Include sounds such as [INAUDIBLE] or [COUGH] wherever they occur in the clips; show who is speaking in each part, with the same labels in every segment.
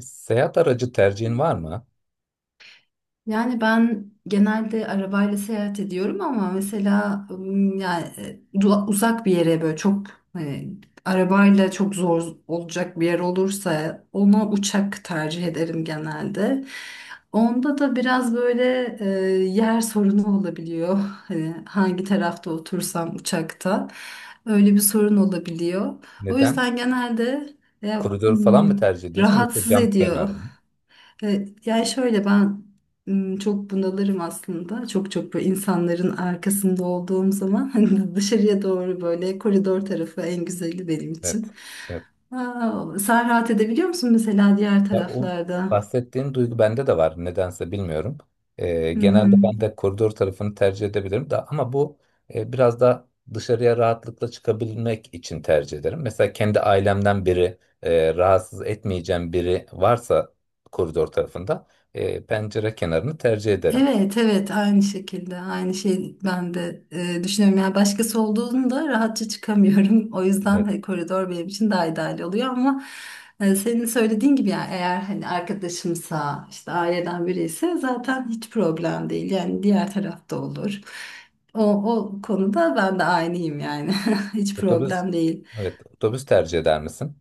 Speaker 1: Seyahat aracı tercihin var mı?
Speaker 2: Yani ben genelde arabayla seyahat ediyorum ama mesela ım, yani e, du- uzak bir yere böyle e, arabayla çok zor olacak bir yer olursa ona uçak tercih ederim genelde. Onda da biraz böyle yer sorunu olabiliyor. Hani hangi tarafta otursam uçakta öyle bir sorun olabiliyor. O
Speaker 1: Neden?
Speaker 2: yüzden genelde e,
Speaker 1: Koridor falan mı
Speaker 2: ım,
Speaker 1: tercih ediyorsun yoksa
Speaker 2: rahatsız
Speaker 1: cam
Speaker 2: ediyor.
Speaker 1: kenarı mı?
Speaker 2: Yani şöyle ben çok bunalırım aslında. Çok çok böyle insanların arkasında olduğum zaman [LAUGHS] hani dışarıya doğru böyle koridor tarafı en güzeli benim için.
Speaker 1: Evet. Evet.
Speaker 2: Aa, sen rahat edebiliyor musun mesela diğer
Speaker 1: Ya o
Speaker 2: taraflarda?
Speaker 1: bahsettiğin duygu bende de var. Nedense bilmiyorum.
Speaker 2: Hı hı.
Speaker 1: Genelde ben de koridor tarafını tercih edebilirim de ama bu biraz da dışarıya rahatlıkla çıkabilmek için tercih ederim. Mesela kendi ailemden biri rahatsız etmeyeceğim biri varsa koridor tarafında pencere kenarını tercih ederim.
Speaker 2: Evet evet aynı şekilde aynı şey ben de düşünüyorum yani başkası olduğunda rahatça çıkamıyorum [LAUGHS] o yüzden
Speaker 1: Evet.
Speaker 2: hani koridor benim için daha ideal oluyor ama senin söylediğin gibi yani eğer hani arkadaşımsa işte aileden biri ise zaten hiç problem değil yani diğer tarafta olur, o, o konuda ben de aynıyım yani [LAUGHS] hiç
Speaker 1: Otobüs.
Speaker 2: problem değil.
Speaker 1: Evet, otobüs tercih eder misin?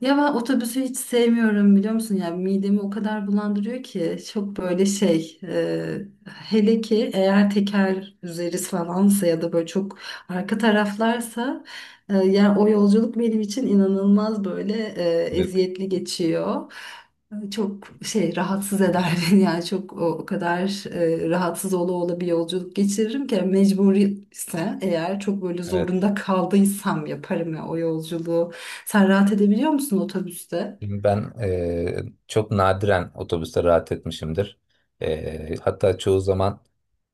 Speaker 2: Ya ben otobüsü hiç sevmiyorum biliyor musun? Ya midemi o kadar bulandırıyor ki çok hele ki eğer teker üzeri falansa ya da böyle çok arka taraflarsa, yani o yolculuk benim için inanılmaz böyle
Speaker 1: Evet.
Speaker 2: eziyetli geçiyor. Çok şey rahatsız eder [LAUGHS] beni yani çok o kadar rahatsız ola ola bir yolculuk geçiririm ki yani mecbur ise eğer çok böyle
Speaker 1: Evet.
Speaker 2: zorunda kaldıysam yaparım ya o yolculuğu. Sen rahat edebiliyor musun otobüste?
Speaker 1: Şimdi ben çok nadiren otobüste rahat etmişimdir. Hatta çoğu zaman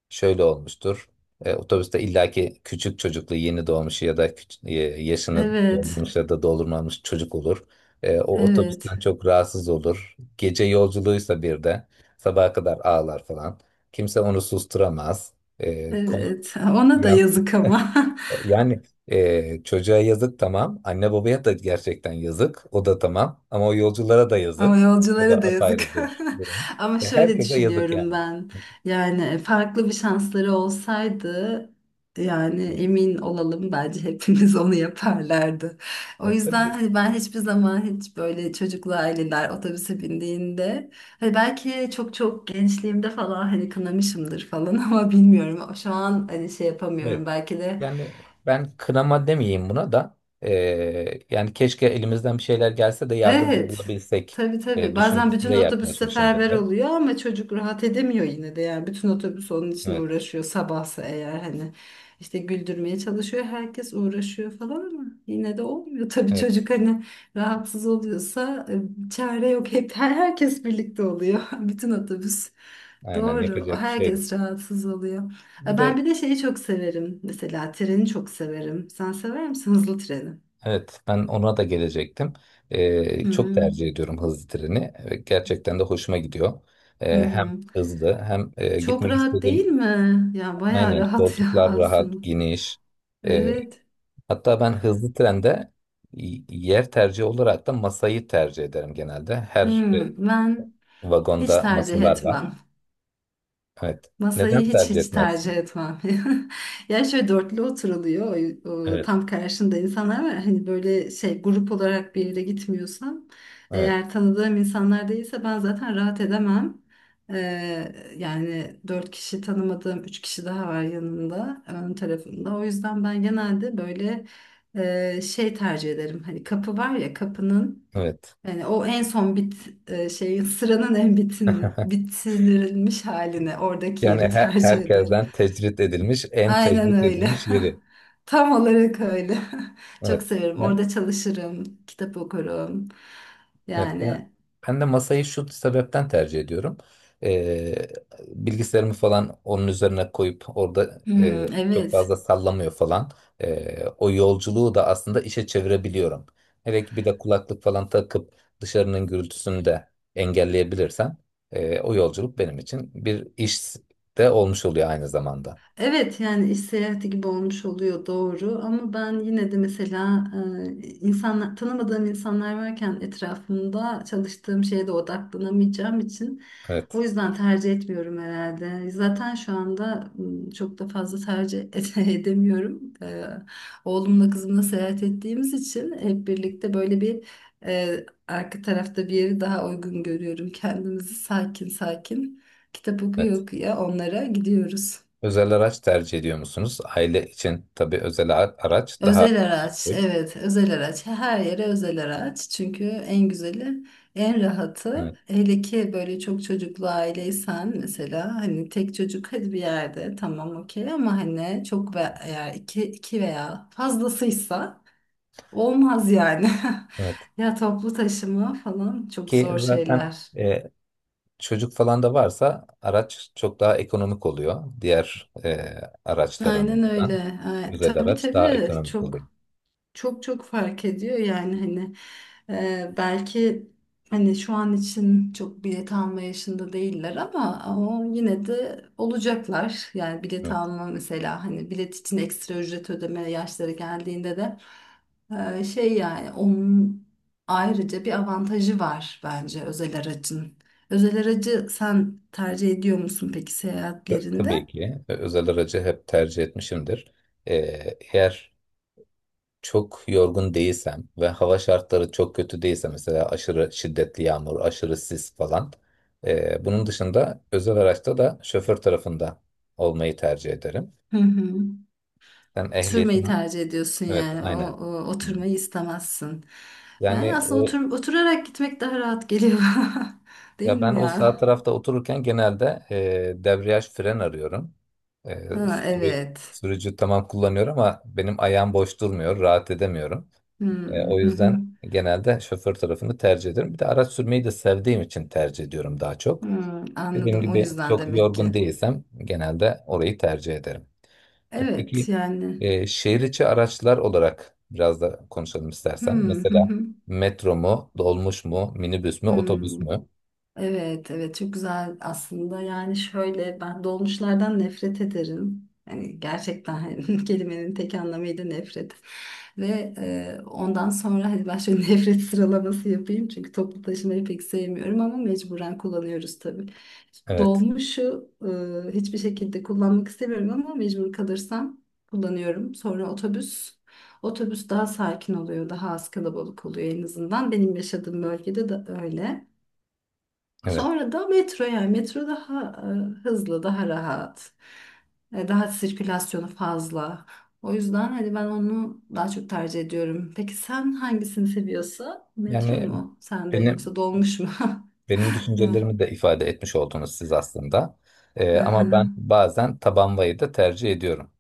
Speaker 1: şöyle olmuştur. Otobüste illaki küçük çocuklu yeni doğmuş ya da yaşını
Speaker 2: Evet,
Speaker 1: doldurmuş ya da doldurmamış çocuk olur. O
Speaker 2: evet,
Speaker 1: otobüsten çok rahatsız olur. Gece yolculuğuysa bir de sabaha kadar ağlar falan. Kimse onu susturamaz. Eee konu-
Speaker 2: evet. Ona da yazık ama. [LAUGHS]
Speaker 1: Yani çocuğa yazık tamam. Anne babaya da gerçekten yazık. O da tamam. Ama o yolculara da
Speaker 2: Ama
Speaker 1: yazık. O
Speaker 2: yolculara
Speaker 1: da
Speaker 2: da
Speaker 1: apayrı
Speaker 2: yazık.
Speaker 1: bir durum.
Speaker 2: [LAUGHS] Ama
Speaker 1: E,
Speaker 2: şöyle
Speaker 1: herkese yazık
Speaker 2: düşünüyorum
Speaker 1: yani.
Speaker 2: ben. Yani farklı bir şansları olsaydı yani
Speaker 1: Evet.
Speaker 2: emin olalım bence hepimiz [LAUGHS] onu yaparlardı. O
Speaker 1: Evet,
Speaker 2: yüzden
Speaker 1: tabii,
Speaker 2: hani ben hiçbir zaman hiç böyle çocuklu aileler otobüse bindiğinde hani belki çok çok gençliğimde falan hani kınamışımdır falan [LAUGHS] ama bilmiyorum. Şu an hani şey yapamıyorum
Speaker 1: evet.
Speaker 2: belki de.
Speaker 1: Yani ben kınama demeyeyim buna da yani keşke elimizden bir şeyler gelse de yardımcı
Speaker 2: Evet.
Speaker 1: olabilsek
Speaker 2: Tabii tabii. Bazen
Speaker 1: düşüncesinde
Speaker 2: bütün otobüs
Speaker 1: yaklaşmışımdır
Speaker 2: seferber
Speaker 1: hep.
Speaker 2: oluyor ama çocuk rahat edemiyor yine de. Yani bütün otobüs onun için
Speaker 1: Evet.
Speaker 2: uğraşıyor sabahsa eğer hani işte güldürmeye çalışıyor. Herkes uğraşıyor falan ama yine de olmuyor. [LAUGHS] Tabii
Speaker 1: Evet.
Speaker 2: çocuk hani rahatsız oluyorsa çare yok. Hep herkes birlikte oluyor. [LAUGHS] Bütün otobüs.
Speaker 1: Aynen,
Speaker 2: Doğru.
Speaker 1: yapacak bir şey yok.
Speaker 2: Herkes rahatsız oluyor.
Speaker 1: Bir
Speaker 2: Ben
Speaker 1: de
Speaker 2: bir de şeyi çok severim. Mesela treni çok severim. Sen sever misin hızlı treni?
Speaker 1: evet, ben ona da gelecektim.
Speaker 2: Hı
Speaker 1: Çok
Speaker 2: hı.
Speaker 1: tercih ediyorum hızlı treni ve gerçekten de hoşuma gidiyor.
Speaker 2: Hı
Speaker 1: Hem
Speaker 2: hı.
Speaker 1: hızlı hem
Speaker 2: Çok
Speaker 1: gitmek
Speaker 2: rahat değil
Speaker 1: istediğim,
Speaker 2: mi? Ya bayağı
Speaker 1: aynen,
Speaker 2: rahat [LAUGHS] ya
Speaker 1: koltuklar rahat,
Speaker 2: aslında.
Speaker 1: geniş. Ee,
Speaker 2: Evet.
Speaker 1: Hatta ben hızlı trende yer tercihi olarak da masayı tercih ederim genelde. Her
Speaker 2: Hmm, ben hiç
Speaker 1: vagonda
Speaker 2: tercih
Speaker 1: masalar var.
Speaker 2: etmem.
Speaker 1: Evet. Neden
Speaker 2: Masayı hiç
Speaker 1: tercih
Speaker 2: hiç tercih
Speaker 1: etmezsin?
Speaker 2: etmem. [LAUGHS] Ya şöyle dörtlü oturuluyor. O
Speaker 1: Evet,
Speaker 2: tam karşında insanlar var. Hani böyle şey grup olarak bir yere gitmiyorsam
Speaker 1: evet,
Speaker 2: eğer tanıdığım insanlar değilse ben zaten rahat edemem. Ee, Yani dört kişi tanımadığım üç kişi daha var yanımda ön tarafımda. O yüzden ben genelde böyle şey tercih ederim. Hani kapı var ya kapının
Speaker 1: evet.
Speaker 2: yani o en son şeyin sıranın en
Speaker 1: [LAUGHS]
Speaker 2: bitirilmiş halini oradaki
Speaker 1: Yani
Speaker 2: yeri tercih ederim.
Speaker 1: herkesten tecrit edilmiş, en
Speaker 2: Aynen
Speaker 1: tecrit
Speaker 2: öyle.
Speaker 1: edilmiş yeri.
Speaker 2: [LAUGHS] Tam olarak öyle. [LAUGHS] Çok
Speaker 1: Evet.
Speaker 2: severim.
Speaker 1: Yani
Speaker 2: Orada çalışırım, kitap okurum.
Speaker 1: evet,
Speaker 2: Yani
Speaker 1: ben de masayı şu sebepten tercih ediyorum. Ee, Bilgisayarımı falan onun üzerine koyup orada
Speaker 2: hmm,
Speaker 1: çok
Speaker 2: evet.
Speaker 1: fazla sallamıyor falan. O yolculuğu da aslında işe çevirebiliyorum. Hele ki bir de kulaklık falan takıp dışarının gürültüsünü de engelleyebilirsem o yolculuk benim için bir iş de olmuş oluyor aynı zamanda.
Speaker 2: Evet yani iş seyahati gibi olmuş oluyor doğru ama ben yine de mesela e, insanlar tanımadığım insanlar varken etrafımda çalıştığım şeye de odaklanamayacağım için
Speaker 1: Evet,
Speaker 2: o yüzden tercih etmiyorum herhalde. Zaten şu anda çok da fazla tercih [LAUGHS] edemiyorum. Oğlumla kızımla seyahat ettiğimiz için hep birlikte böyle bir arka tarafta bir yeri daha uygun görüyorum. Kendimizi sakin sakin kitap okuya
Speaker 1: evet.
Speaker 2: okuya onlara gidiyoruz.
Speaker 1: Özel araç tercih ediyor musunuz? Aile için tabii araç daha...
Speaker 2: Özel araç,
Speaker 1: Evet.
Speaker 2: evet, özel araç. Her yere özel araç. Çünkü en güzeli, en rahatı. Hele ki böyle çok çocuklu aileysen mesela hani tek çocuk [LAUGHS] hadi bir yerde tamam okey ama hani çok ve eğer iki, iki veya fazlasıysa olmaz yani. [LAUGHS]
Speaker 1: Evet.
Speaker 2: Ya toplu taşıma falan çok
Speaker 1: Ki
Speaker 2: zor
Speaker 1: zaten
Speaker 2: şeyler.
Speaker 1: e, çocuk falan da varsa araç çok daha ekonomik oluyor. Diğer
Speaker 2: Aynen
Speaker 1: araçlarından
Speaker 2: öyle. Ay,
Speaker 1: özel
Speaker 2: tabii
Speaker 1: araç daha
Speaker 2: tabii
Speaker 1: ekonomik oluyor.
Speaker 2: çok. Çok çok fark ediyor yani hani belki hani şu an için çok bilet alma yaşında değiller ama ama yine de olacaklar. Yani bilet
Speaker 1: Evet,
Speaker 2: alma mesela hani bilet için ekstra ücret ödeme yaşları geldiğinde de şey yani onun ayrıca bir avantajı var bence özel aracın. Özel aracı sen tercih ediyor musun peki
Speaker 1: tabii
Speaker 2: seyahatlerinde?
Speaker 1: ki özel aracı hep tercih etmişimdir. E, Eğer çok yorgun değilsem ve hava şartları çok kötü değilse mesela aşırı şiddetli yağmur, aşırı sis falan. E, bunun dışında özel araçta da şoför tarafında olmayı tercih ederim.
Speaker 2: Hı hı.
Speaker 1: Ben
Speaker 2: Sürmeyi
Speaker 1: ehliyetim,
Speaker 2: tercih ediyorsun
Speaker 1: evet,
Speaker 2: yani.
Speaker 1: aynen.
Speaker 2: O oturmayı istemezsin.
Speaker 1: Yani
Speaker 2: Yani aslında oturarak gitmek daha rahat geliyor. [LAUGHS]
Speaker 1: ya
Speaker 2: Değil
Speaker 1: ben
Speaker 2: mi
Speaker 1: o sağ
Speaker 2: ya?
Speaker 1: tarafta otururken genelde debriyaj fren arıyorum. E,
Speaker 2: Ha, evet.
Speaker 1: Sürücü tamam kullanıyor ama benim ayağım boş durmuyor, rahat edemiyorum. O
Speaker 2: Hmm, hı hı.
Speaker 1: yüzden genelde şoför tarafını tercih ediyorum. Bir de araç sürmeyi de sevdiğim için tercih ediyorum daha çok.
Speaker 2: Hmm,
Speaker 1: Dediğim
Speaker 2: anladım. O
Speaker 1: gibi
Speaker 2: yüzden
Speaker 1: çok
Speaker 2: demek
Speaker 1: yorgun
Speaker 2: ki.
Speaker 1: değilsem genelde orayı tercih ederim.
Speaker 2: Evet
Speaker 1: Peki
Speaker 2: yani.
Speaker 1: şehir içi araçlar olarak biraz da konuşalım istersen.
Speaker 2: Hmm, hı
Speaker 1: Mesela
Speaker 2: hı.
Speaker 1: metro mu, dolmuş mu, minibüs mü,
Speaker 2: Hmm,
Speaker 1: otobüs mü?
Speaker 2: evet evet çok güzel aslında yani şöyle ben dolmuşlardan nefret ederim yani gerçekten hani [LAUGHS] kelimenin tek anlamıyla nefret ve ondan sonra hadi ben şöyle [LAUGHS] nefret sıralaması yapayım çünkü toplu taşımayı pek sevmiyorum ama mecburen kullanıyoruz tabii,
Speaker 1: Evet,
Speaker 2: dolmuşu hiçbir şekilde kullanmak istemiyorum ama mecbur kalırsam kullanıyorum, sonra otobüs. Otobüs daha sakin oluyor, daha az kalabalık oluyor en azından. Benim yaşadığım bölgede de öyle.
Speaker 1: evet.
Speaker 2: Sonra da metro, yani metro daha hızlı, daha rahat. Daha sirkülasyonu fazla. O yüzden hani ben onu daha çok tercih ediyorum. Peki sen hangisini seviyorsun? Metro
Speaker 1: Yani
Speaker 2: mu sende
Speaker 1: benim
Speaker 2: yoksa dolmuş mu? [LAUGHS]
Speaker 1: benim
Speaker 2: Evet.
Speaker 1: düşüncelerimi de ifade etmiş oldunuz siz aslında. Ama ben
Speaker 2: Aha.
Speaker 1: bazen taban vayı da tercih ediyorum.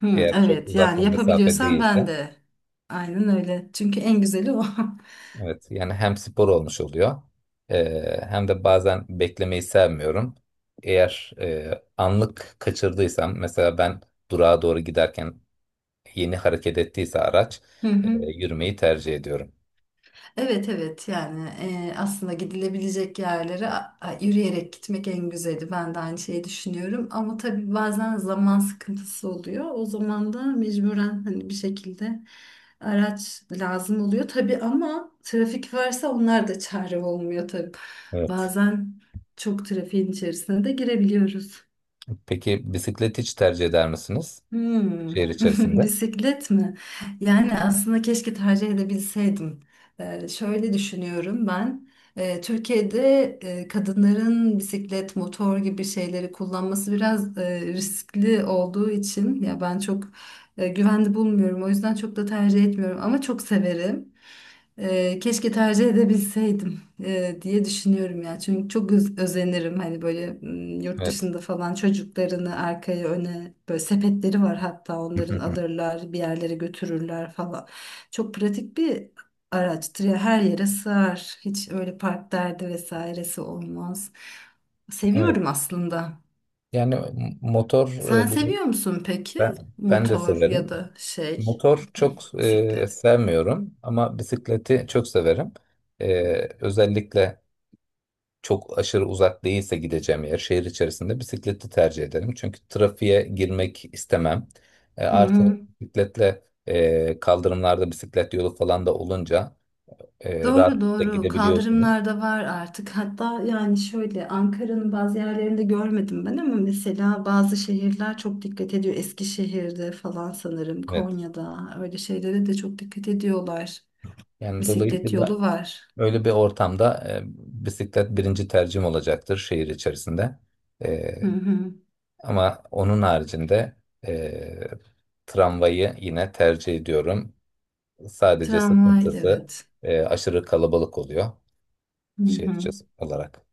Speaker 2: Hmm,
Speaker 1: Eğer çok
Speaker 2: evet
Speaker 1: uzak bir
Speaker 2: yani
Speaker 1: mesafe
Speaker 2: yapabiliyorsan ben
Speaker 1: değilse.
Speaker 2: de. Aynen öyle. Çünkü en güzeli o. [LAUGHS]
Speaker 1: Evet, yani hem spor olmuş oluyor, hem de bazen beklemeyi sevmiyorum. Eğer anlık kaçırdıysam, mesela ben durağa doğru giderken yeni hareket ettiyse araç,
Speaker 2: Hı hı.
Speaker 1: yürümeyi tercih ediyorum.
Speaker 2: Evet evet yani aslında gidilebilecek yerlere yürüyerek gitmek en güzeli. Ben de aynı şeyi düşünüyorum ama tabii bazen zaman sıkıntısı oluyor. O zaman da mecburen hani bir şekilde araç lazım oluyor tabii ama trafik varsa onlar da çare olmuyor tabii.
Speaker 1: Evet.
Speaker 2: Bazen çok trafiğin içerisine de girebiliyoruz.
Speaker 1: Peki bisiklet hiç tercih eder misiniz
Speaker 2: Hmm,
Speaker 1: şehir
Speaker 2: [LAUGHS]
Speaker 1: içerisinde?
Speaker 2: bisiklet mi? Yani aslında keşke tercih edebilseydim. Şöyle düşünüyorum ben. Türkiye'de kadınların bisiklet, motor gibi şeyleri kullanması biraz riskli olduğu için ya ben çok güvenli bulmuyorum. O yüzden çok da tercih etmiyorum ama çok severim. Keşke tercih edebilseydim diye düşünüyorum ya. Çünkü çok özenirim hani böyle yurt
Speaker 1: Evet.
Speaker 2: dışında falan çocuklarını arkaya öne böyle sepetleri var hatta onların
Speaker 1: [LAUGHS]
Speaker 2: alırlar bir yerlere götürürler falan. Çok pratik bir araçtır ya her yere sığar. Hiç öyle park derdi vesairesi olmaz.
Speaker 1: Evet.
Speaker 2: Seviyorum aslında.
Speaker 1: Yani motor,
Speaker 2: Sen
Speaker 1: e, bu-
Speaker 2: seviyor musun peki
Speaker 1: ben de
Speaker 2: motor ya
Speaker 1: severim.
Speaker 2: da şey,
Speaker 1: Motor çok
Speaker 2: bisiklet?
Speaker 1: sevmiyorum ama bisikleti çok severim. Özellikle çok aşırı uzak değilse gideceğim yer şehir içerisinde bisikleti tercih ederim. Çünkü trafiğe girmek istemem.
Speaker 2: Hı
Speaker 1: Artı
Speaker 2: hı.
Speaker 1: bisikletle kaldırımlarda bisiklet yolu falan da olunca
Speaker 2: Doğru
Speaker 1: rahatlıkla
Speaker 2: doğru
Speaker 1: gidebiliyorsunuz.
Speaker 2: kaldırımlar da var artık hatta yani şöyle Ankara'nın bazı yerlerinde görmedim ben ama mesela bazı şehirler çok dikkat ediyor, Eskişehir'de falan sanırım
Speaker 1: Evet.
Speaker 2: Konya'da öyle şeylere de çok dikkat ediyorlar,
Speaker 1: Yani
Speaker 2: bisiklet
Speaker 1: dolayısıyla
Speaker 2: yolu var.
Speaker 1: öyle bir ortamda bisiklet birinci tercihim olacaktır şehir içerisinde. E,
Speaker 2: Hı hı.
Speaker 1: Ama onun haricinde e, tramvayı yine tercih ediyorum. Sadece
Speaker 2: Tramvay,
Speaker 1: sıkıntısı
Speaker 2: evet.
Speaker 1: aşırı kalabalık oluyor
Speaker 2: Hı
Speaker 1: şehir
Speaker 2: hı.
Speaker 1: içi olarak.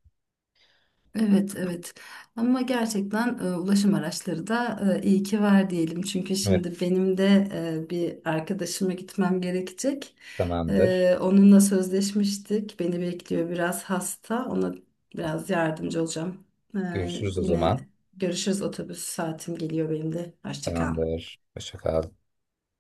Speaker 2: Evet, evet. Ama gerçekten ulaşım araçları da iyi ki var diyelim. Çünkü
Speaker 1: Evet,
Speaker 2: şimdi benim de bir arkadaşıma gitmem gerekecek.
Speaker 1: tamamdır.
Speaker 2: Onunla sözleşmiştik. Beni bekliyor, biraz hasta. Ona biraz yardımcı olacağım. E,
Speaker 1: Görüşürüz o zaman.
Speaker 2: Yine görüşürüz, otobüs saatim geliyor benim de. Hoşça kal.
Speaker 1: Tamamdır. Hoşça kal.